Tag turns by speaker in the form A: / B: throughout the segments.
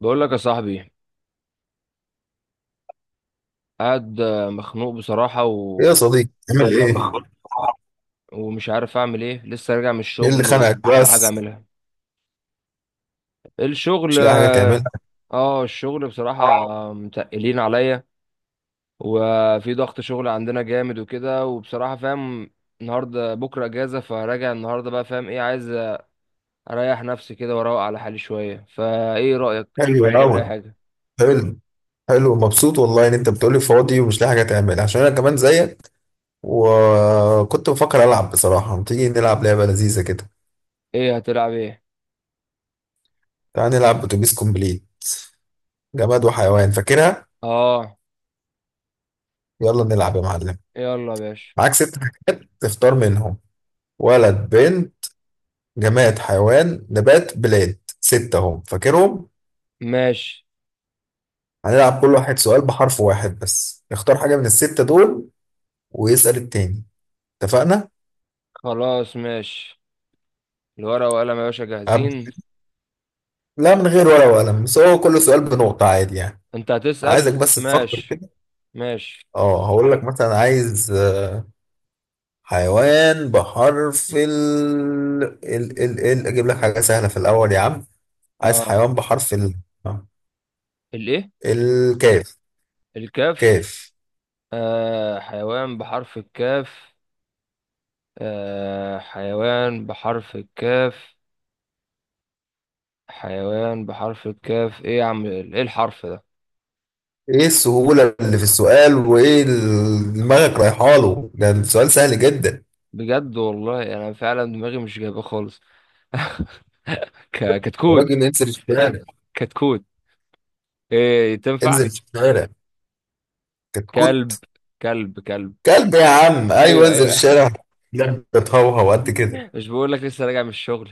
A: بقول لك يا صاحبي، قاعد مخنوق بصراحة
B: إيه يا صديقي تعمل يلا ايه؟ بقى
A: ومش عارف اعمل ايه. لسه راجع من
B: ايه اللي
A: الشغل
B: خانقك
A: ومش لاقي حاجة
B: بس؟
A: اعملها. الشغل
B: مش لاقي حاجة تعملها.
A: اه. آه، الشغل بصراحة،
B: آه،
A: متقلين عليا. وفي ضغط شغل عندنا جامد وكده، وبصراحة فاهم النهاردة بكرة اجازة. فراجع النهاردة بقى، فاهم ايه عايز. اريح نفسي كده واروق على حالي شوية. فايه رأيك
B: حلو
A: الواحد يعمل اي
B: قوي.
A: حاجة؟
B: حلو. حلو، مبسوط والله ان انت بتقولي فاضي ومش لاقي حاجة تعملها عشان انا كمان زيك، وكنت بفكر العب بصراحة. ما تيجي نلعب لعبة لذيذة كده؟
A: ايه هتلعب ايه؟
B: تعال نلعب اتوبيس كومبليت، جماد وحيوان، فاكرها؟
A: اه،
B: يلا نلعب يا معلم.
A: يلا يا باشا.
B: معاك ست حاجات تختار منهم: ولد، بنت، جماد، حيوان، نبات، بلاد، ستة، هم فاكرهم؟
A: ماشي.
B: هنلعب كل واحد سؤال بحرف واحد بس، اختار حاجة من الستة دول ويسأل التاني، اتفقنا؟
A: خلاص ماشي. الورقة وقلم يا باشا
B: أبدأ.
A: جاهزين.
B: لا، من غير ورقة وقلم، بس هو كل سؤال بنقطة عادي يعني.
A: انت
B: عايزك
A: هتسأل؟
B: بس تفكر
A: ماشي
B: كده.
A: ماشي.
B: اه، هقول لك مثلا عايز حيوان بحرف ال ال. اجيب لك حاجة سهلة في الأول يا عم. عايز
A: اه،
B: حيوان بحرف ال. آه،
A: الايه؟
B: الكاف.
A: الكاف.
B: كاف.
A: حيوان بحرف الكاف. حيوان بحرف الكاف. حيوان بحرف الكاف، ايه يا عم؟ ايه الحرف ده؟
B: ايه السهولة اللي في السؤال، وايه دماغك رايحة له؟ ده السؤال سهل جدا.
A: بجد والله انا فعلا دماغي مش جايبه خالص.
B: يا
A: كتكوت.
B: راجل انزل الشارع.
A: كتكوت، ايه تنفع؟
B: انزل الشارع.
A: كلب
B: كتكوت؟
A: كلب كلب.
B: كلب يا عم، ايوه،
A: ايوه
B: انزل
A: ايوه.
B: الشارع. بتهوهو قد كده؟
A: مش بقول لك لسه راجع من الشغل.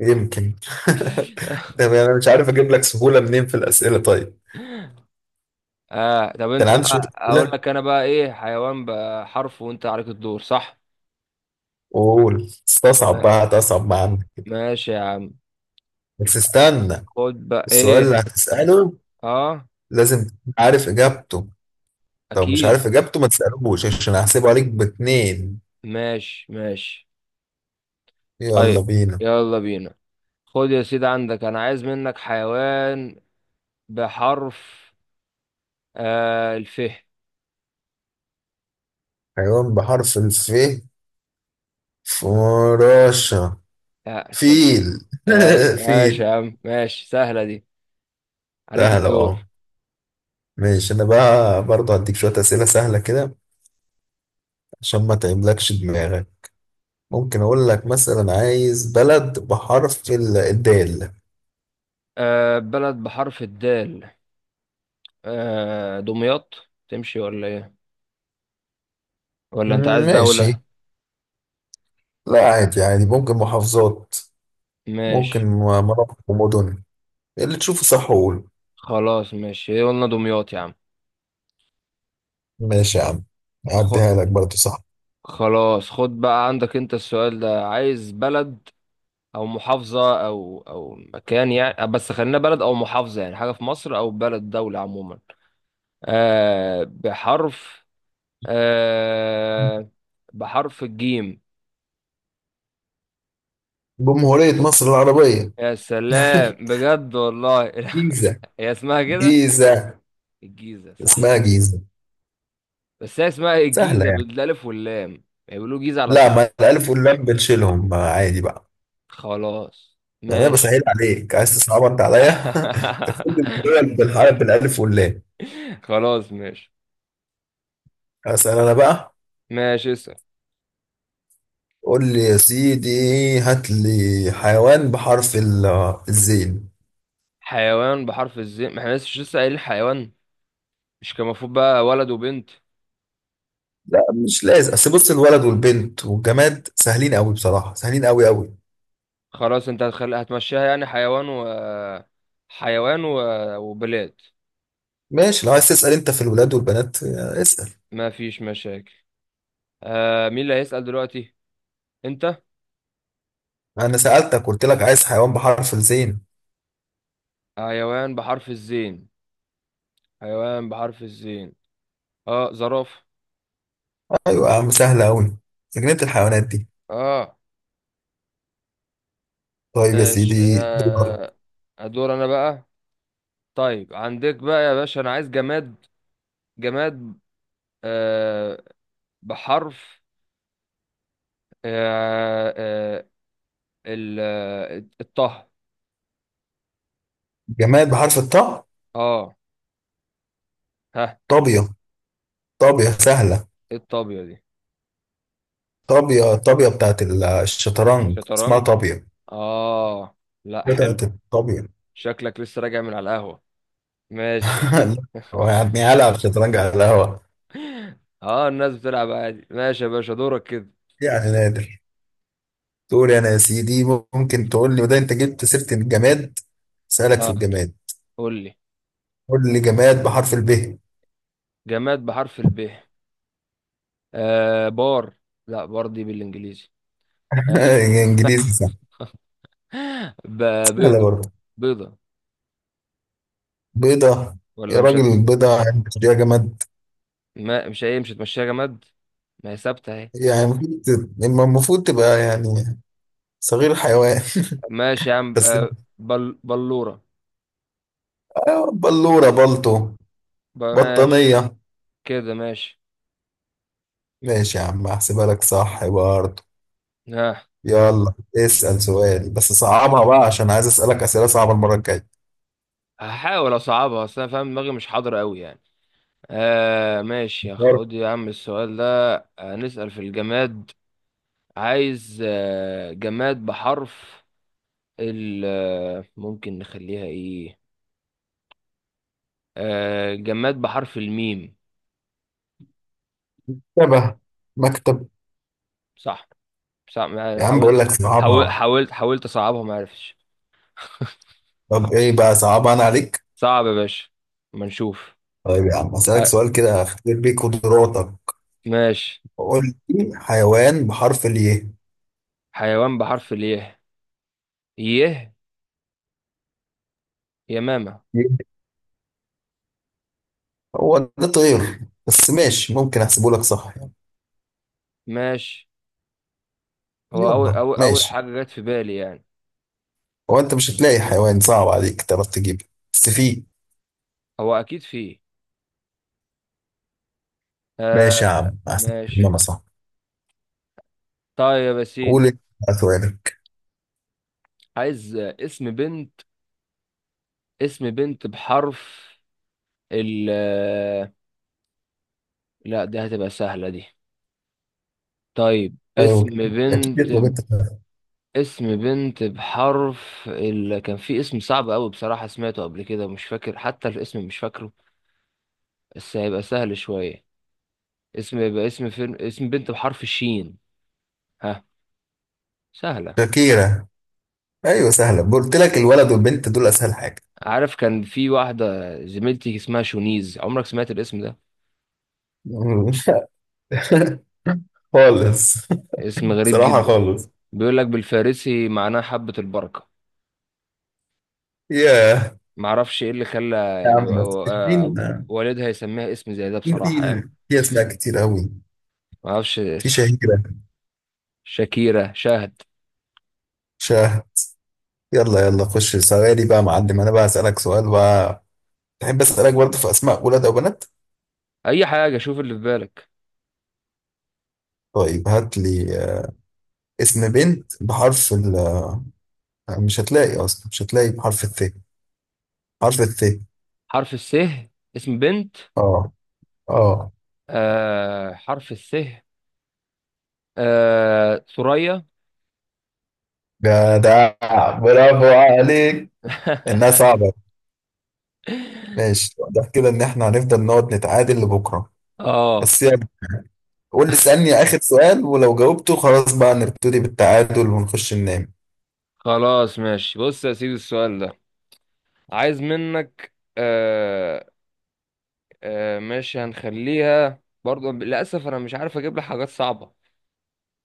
B: يمكن. طب يعني انا مش عارف اجيب لك سهوله منين في الاسئله؟ طيب،
A: اه، طب
B: ده
A: انت
B: انا عندي شويه
A: بقى، اقول
B: اسئله،
A: لك انا بقى ايه، حيوان بقى حرف، وانت عليك الدور، صح؟
B: وقول استصعب
A: ما-
B: بقى، هتصعب ما عندك كده.
A: ماشي يا عم.
B: بس استنى،
A: خد بقى
B: السؤال اللي
A: ايه.
B: هتساله
A: اه،
B: لازم تكون عارف اجابته، لو مش
A: اكيد.
B: عارف اجابته ما تسالوش عشان هحسبه عليك باتنين.
A: ماشي ماشي.
B: يلا
A: طيب،
B: بينا.
A: يلا بينا. خد يا سيدي، عندك انا عايز منك حيوان بحرف الف.
B: حيوان بحرف الف؟ فراشة.
A: يا سلام.
B: فيل.
A: ماشي ماشي
B: فيل.
A: يا عم، ماشي. سهلة دي. عليك
B: سهلة
A: الدور.
B: اه. ماشي، انا بقى برضه هديك شوية اسئلة سهلة كده عشان ما تعملكش دماغك. ممكن اقول لك مثلا عايز بلد بحرف الدال.
A: بلد بحرف الدال. دمياط، تمشي ولا ايه؟ ولا انت عايز
B: مم،
A: دولة؟
B: ماشي. لا عادي عادي، ممكن محافظات، ممكن
A: ماشي.
B: مناطق ومدن، اللي تشوفه صح قول.
A: خلاص ماشي، هي قلنا دمياط يا عم.
B: ماشي يا عم، اعديها
A: خ...
B: لك برضه صح.
A: خلاص. خد بقى عندك انت السؤال ده. عايز بلد او محافظة او مكان يعني، بس خلينا بلد او محافظة، يعني حاجة في مصر او بلد دولة عموما. بحرف، آه بحرف الجيم.
B: جمهورية مصر العربية.
A: يا سلام، بجد والله.
B: جيزة.
A: هي اسمها كده؟
B: جيزة.
A: الجيزة، صح.
B: اسمها جيزة.
A: بس هي اسمها
B: سهلة
A: الجيزة
B: يعني.
A: بالالف واللام، بيقولوا جيزة على
B: لا،
A: طول.
B: ما الألف واللام بنشيلهم، ما عادي بقى.
A: خلاص
B: يعني أنا
A: ماشي.
B: بسهل عليك، عايز تصعب أنت عليا؟ تفضل، الدول بالحرف بالألف واللام.
A: خلاص ماشي.
B: أسأل أنا بقى.
A: ماشي اسأل.
B: قول لي يا سيدي، هات لي حيوان بحرف الزين.
A: حيوان بحرف الزين؟ ما احنا لسه قايلين حيوان. مش كان المفروض بقى ولد وبنت؟
B: لا، مش لازم، اصل بص الولد والبنت والجماد سهلين قوي بصراحة، سهلين قوي قوي.
A: خلاص، انت هتخلي هتمشيها يعني حيوان حيوان و... وبلاد.
B: ماشي، لو عايز تسأل انت في الولاد والبنات اسأل.
A: ما فيش مشاكل. مين اللي هيسأل دلوقتي؟ انت.
B: انا سألتك قلت لك عايز حيوان بحرف الزين.
A: حيوان بحرف الزين. حيوان بحرف الزين اه، زرافة.
B: ايوه يا عم، سهلة قوي، جنينة الحيوانات دي.
A: اه
B: طيب يا
A: ماشي.
B: سيدي دور.
A: ادور انا بقى. طيب، عندك بقى يا باشا، انا عايز جماد. جماد آه بحرف آه آه ال آه، الطه.
B: جماد بحرف الطاء.
A: اه. ها؟
B: طابية. طابية سهلة.
A: ايه الطابية دي؟
B: طابية، طابية بتاعت الشطرنج، اسمها
A: شطرنج.
B: طابية.
A: اه. لا، حلو.
B: بتاعت الطابية.
A: شكلك لسه راجع من على القهوة. ماشي.
B: هو يعني هلعب شطرنج على القهوة؟
A: اه، الناس بتلعب عادي. ماشي يا باشا، دورك كده.
B: يعني نادر. تقول أنا يا سيدي. ممكن تقول لي، وده أنت جبت سيرة الجماد، سألك في
A: اه،
B: الجماد.
A: قول لي
B: قول لي جماد بحرف الب.
A: جماد بحرف الب. بار. لا، بار دي بالانجليزي. آه
B: إنجليزي صح. سهلة
A: بيضة.
B: برضه.
A: بيضة،
B: بيضة.
A: ولا
B: يا
A: مش
B: راجل البيضة يعني تشتريها جماد؟
A: ما... مش هي مش هتمشيها جماد. ما هي ثابتة اهي.
B: يعني المفروض المفروض تبقى يعني صغير حيوان.
A: ماشي يا عم.
B: بس،
A: بلورة.
B: بلورة، بلطو،
A: بقى ماشي،
B: بطانية.
A: كده ماشي.
B: ماشي يا عم، هحسبها لك صح برضه.
A: ها؟
B: يلا اسأل سؤال، بس صعبها بقى عشان عايز أسألك أسئلة صعبة المرة الجاية.
A: هحاول اصعبها، اصل انا فاهم دماغي مش حاضر قوي يعني. ماشي يا، خد يا عم السؤال ده. نسأل في الجماد. عايز جماد بحرف ال آه، ممكن نخليها ايه؟ جماد بحرف الميم.
B: مرتبة، مكتب.
A: صح. صح.
B: يا عم
A: حاول.
B: بقول لك
A: حاول
B: صعبها.
A: حاولت حاولت اصعبها، ما عرفتش.
B: طب إيه، بقى صعبها أنا عليك.
A: صعب يا باشا، ما نشوف.
B: طيب يا عم أسألك
A: آه
B: سؤال كده، أختبر بيه قدراتك.
A: ماشي.
B: قول لي حيوان بحرف الياء.
A: حيوان بحرف اليه. يه يمامة.
B: هو ده طير، بس ماشي ممكن أحسبه لك صح يعني.
A: ماشي. هو
B: يلا
A: أول
B: ماشي.
A: حاجة جت في بالي يعني.
B: هو أنت مش هتلاقي حيوان صعب عليك تعرف تجيبه، بس فيه.
A: هو أكيد فيه. آه
B: ماشي يا عم، أحسن،
A: ماشي.
B: أنا صح.
A: طيب يا
B: قول
A: سيدي.
B: أنت بقى سؤالك.
A: عايز اسم بنت. اسم بنت بحرف ال آه، لا، دي هتبقى سهلة دي. طيب،
B: أيوه،
A: اسم
B: أكيد، يطلب
A: بنت.
B: أنت.
A: اسم بنت بحرف كان في اسم صعب أوي بصراحة سمعته قبل كده، مش فاكر حتى الاسم مش فاكره، بس هيبقى سهل شوية. اسم، يبقى اسم فيلم. اسم بنت بحرف الشين، ها؟ سهلة.
B: شاكيرا. ايوه سهله، قلت لك الولد والبنت دول اسهل حاجه.
A: عارف، كان في واحدة زميلتي اسمها شونيز، عمرك سمعت الاسم ده؟
B: خالص.
A: اسم غريب
B: بصراحه
A: جدا.
B: خالص.
A: بيقول لك بالفارسي معناه حبة البركة.
B: ياه.
A: معرفش ايه اللي خلى
B: يا
A: يعني
B: عم،
A: و- آه، والدها يسميها اسم زي ده
B: مين،
A: بصراحة يعني.
B: في اسماء كتير قوي،
A: معرفش.
B: في شهيره.
A: شاكيرة، شاهد.
B: شاه. يلا يلا خش سؤالي بقى يا معلم، انا بقى اسالك سؤال بقى. تحب اسالك برضه في اسماء ولاد او بنات؟
A: اي حاجة، شوف اللي في بالك.
B: طيب هات لي اسم بنت بحرف ال مش هتلاقي اصلا، مش هتلاقي بحرف الث، حرف الث.
A: حرف السه، اسم بنت.
B: اه. اه.
A: حرف السه. ثريا.
B: جدع، برافو عليك، انها صعبه. ماشي، واضح كده ان احنا هنفضل نقعد نتعادل لبكره.
A: اه،
B: بس يعني قول لي، اسالني اخر سؤال، ولو جاوبته خلاص بقى نبتدي بالتعادل ونخش ننام.
A: خلاص ماشي. بص يا سيدي السؤال ده. عايز منك ماشي، هنخليها برضو. للأسف أنا مش عارف أجيب لك حاجات صعبة.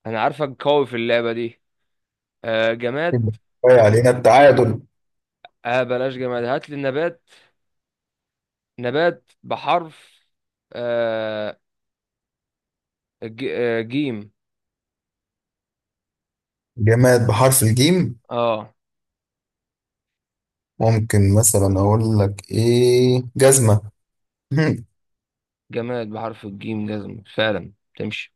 A: أنا عارفك قوي في اللعبة دي.
B: يبقى
A: جماد.
B: كفاية
A: هات لي،
B: علينا التعادل.
A: بلاش جماد، هات لي نبات. نبات بحرف آه ج... آه جيم.
B: جماد بحرف الجيم.
A: اه،
B: ممكن مثلا اقول لك ايه، جزمه.
A: جماد بحرف الجيم، جزم فعلا تمشي.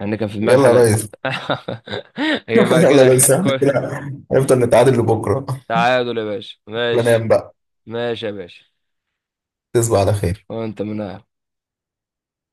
A: أنا كان في دماغي
B: يلا يا
A: حاجة.
B: ريس.
A: يبقى
B: يلا
A: كده.
B: يا ريس احنا
A: كل-
B: كده هنفضل نتعادل لبكره.
A: تعادل يا باشا، ماشي.
B: بنام بقى.
A: ماشي يا باشا.
B: تصبح على خير.
A: وأنت منها.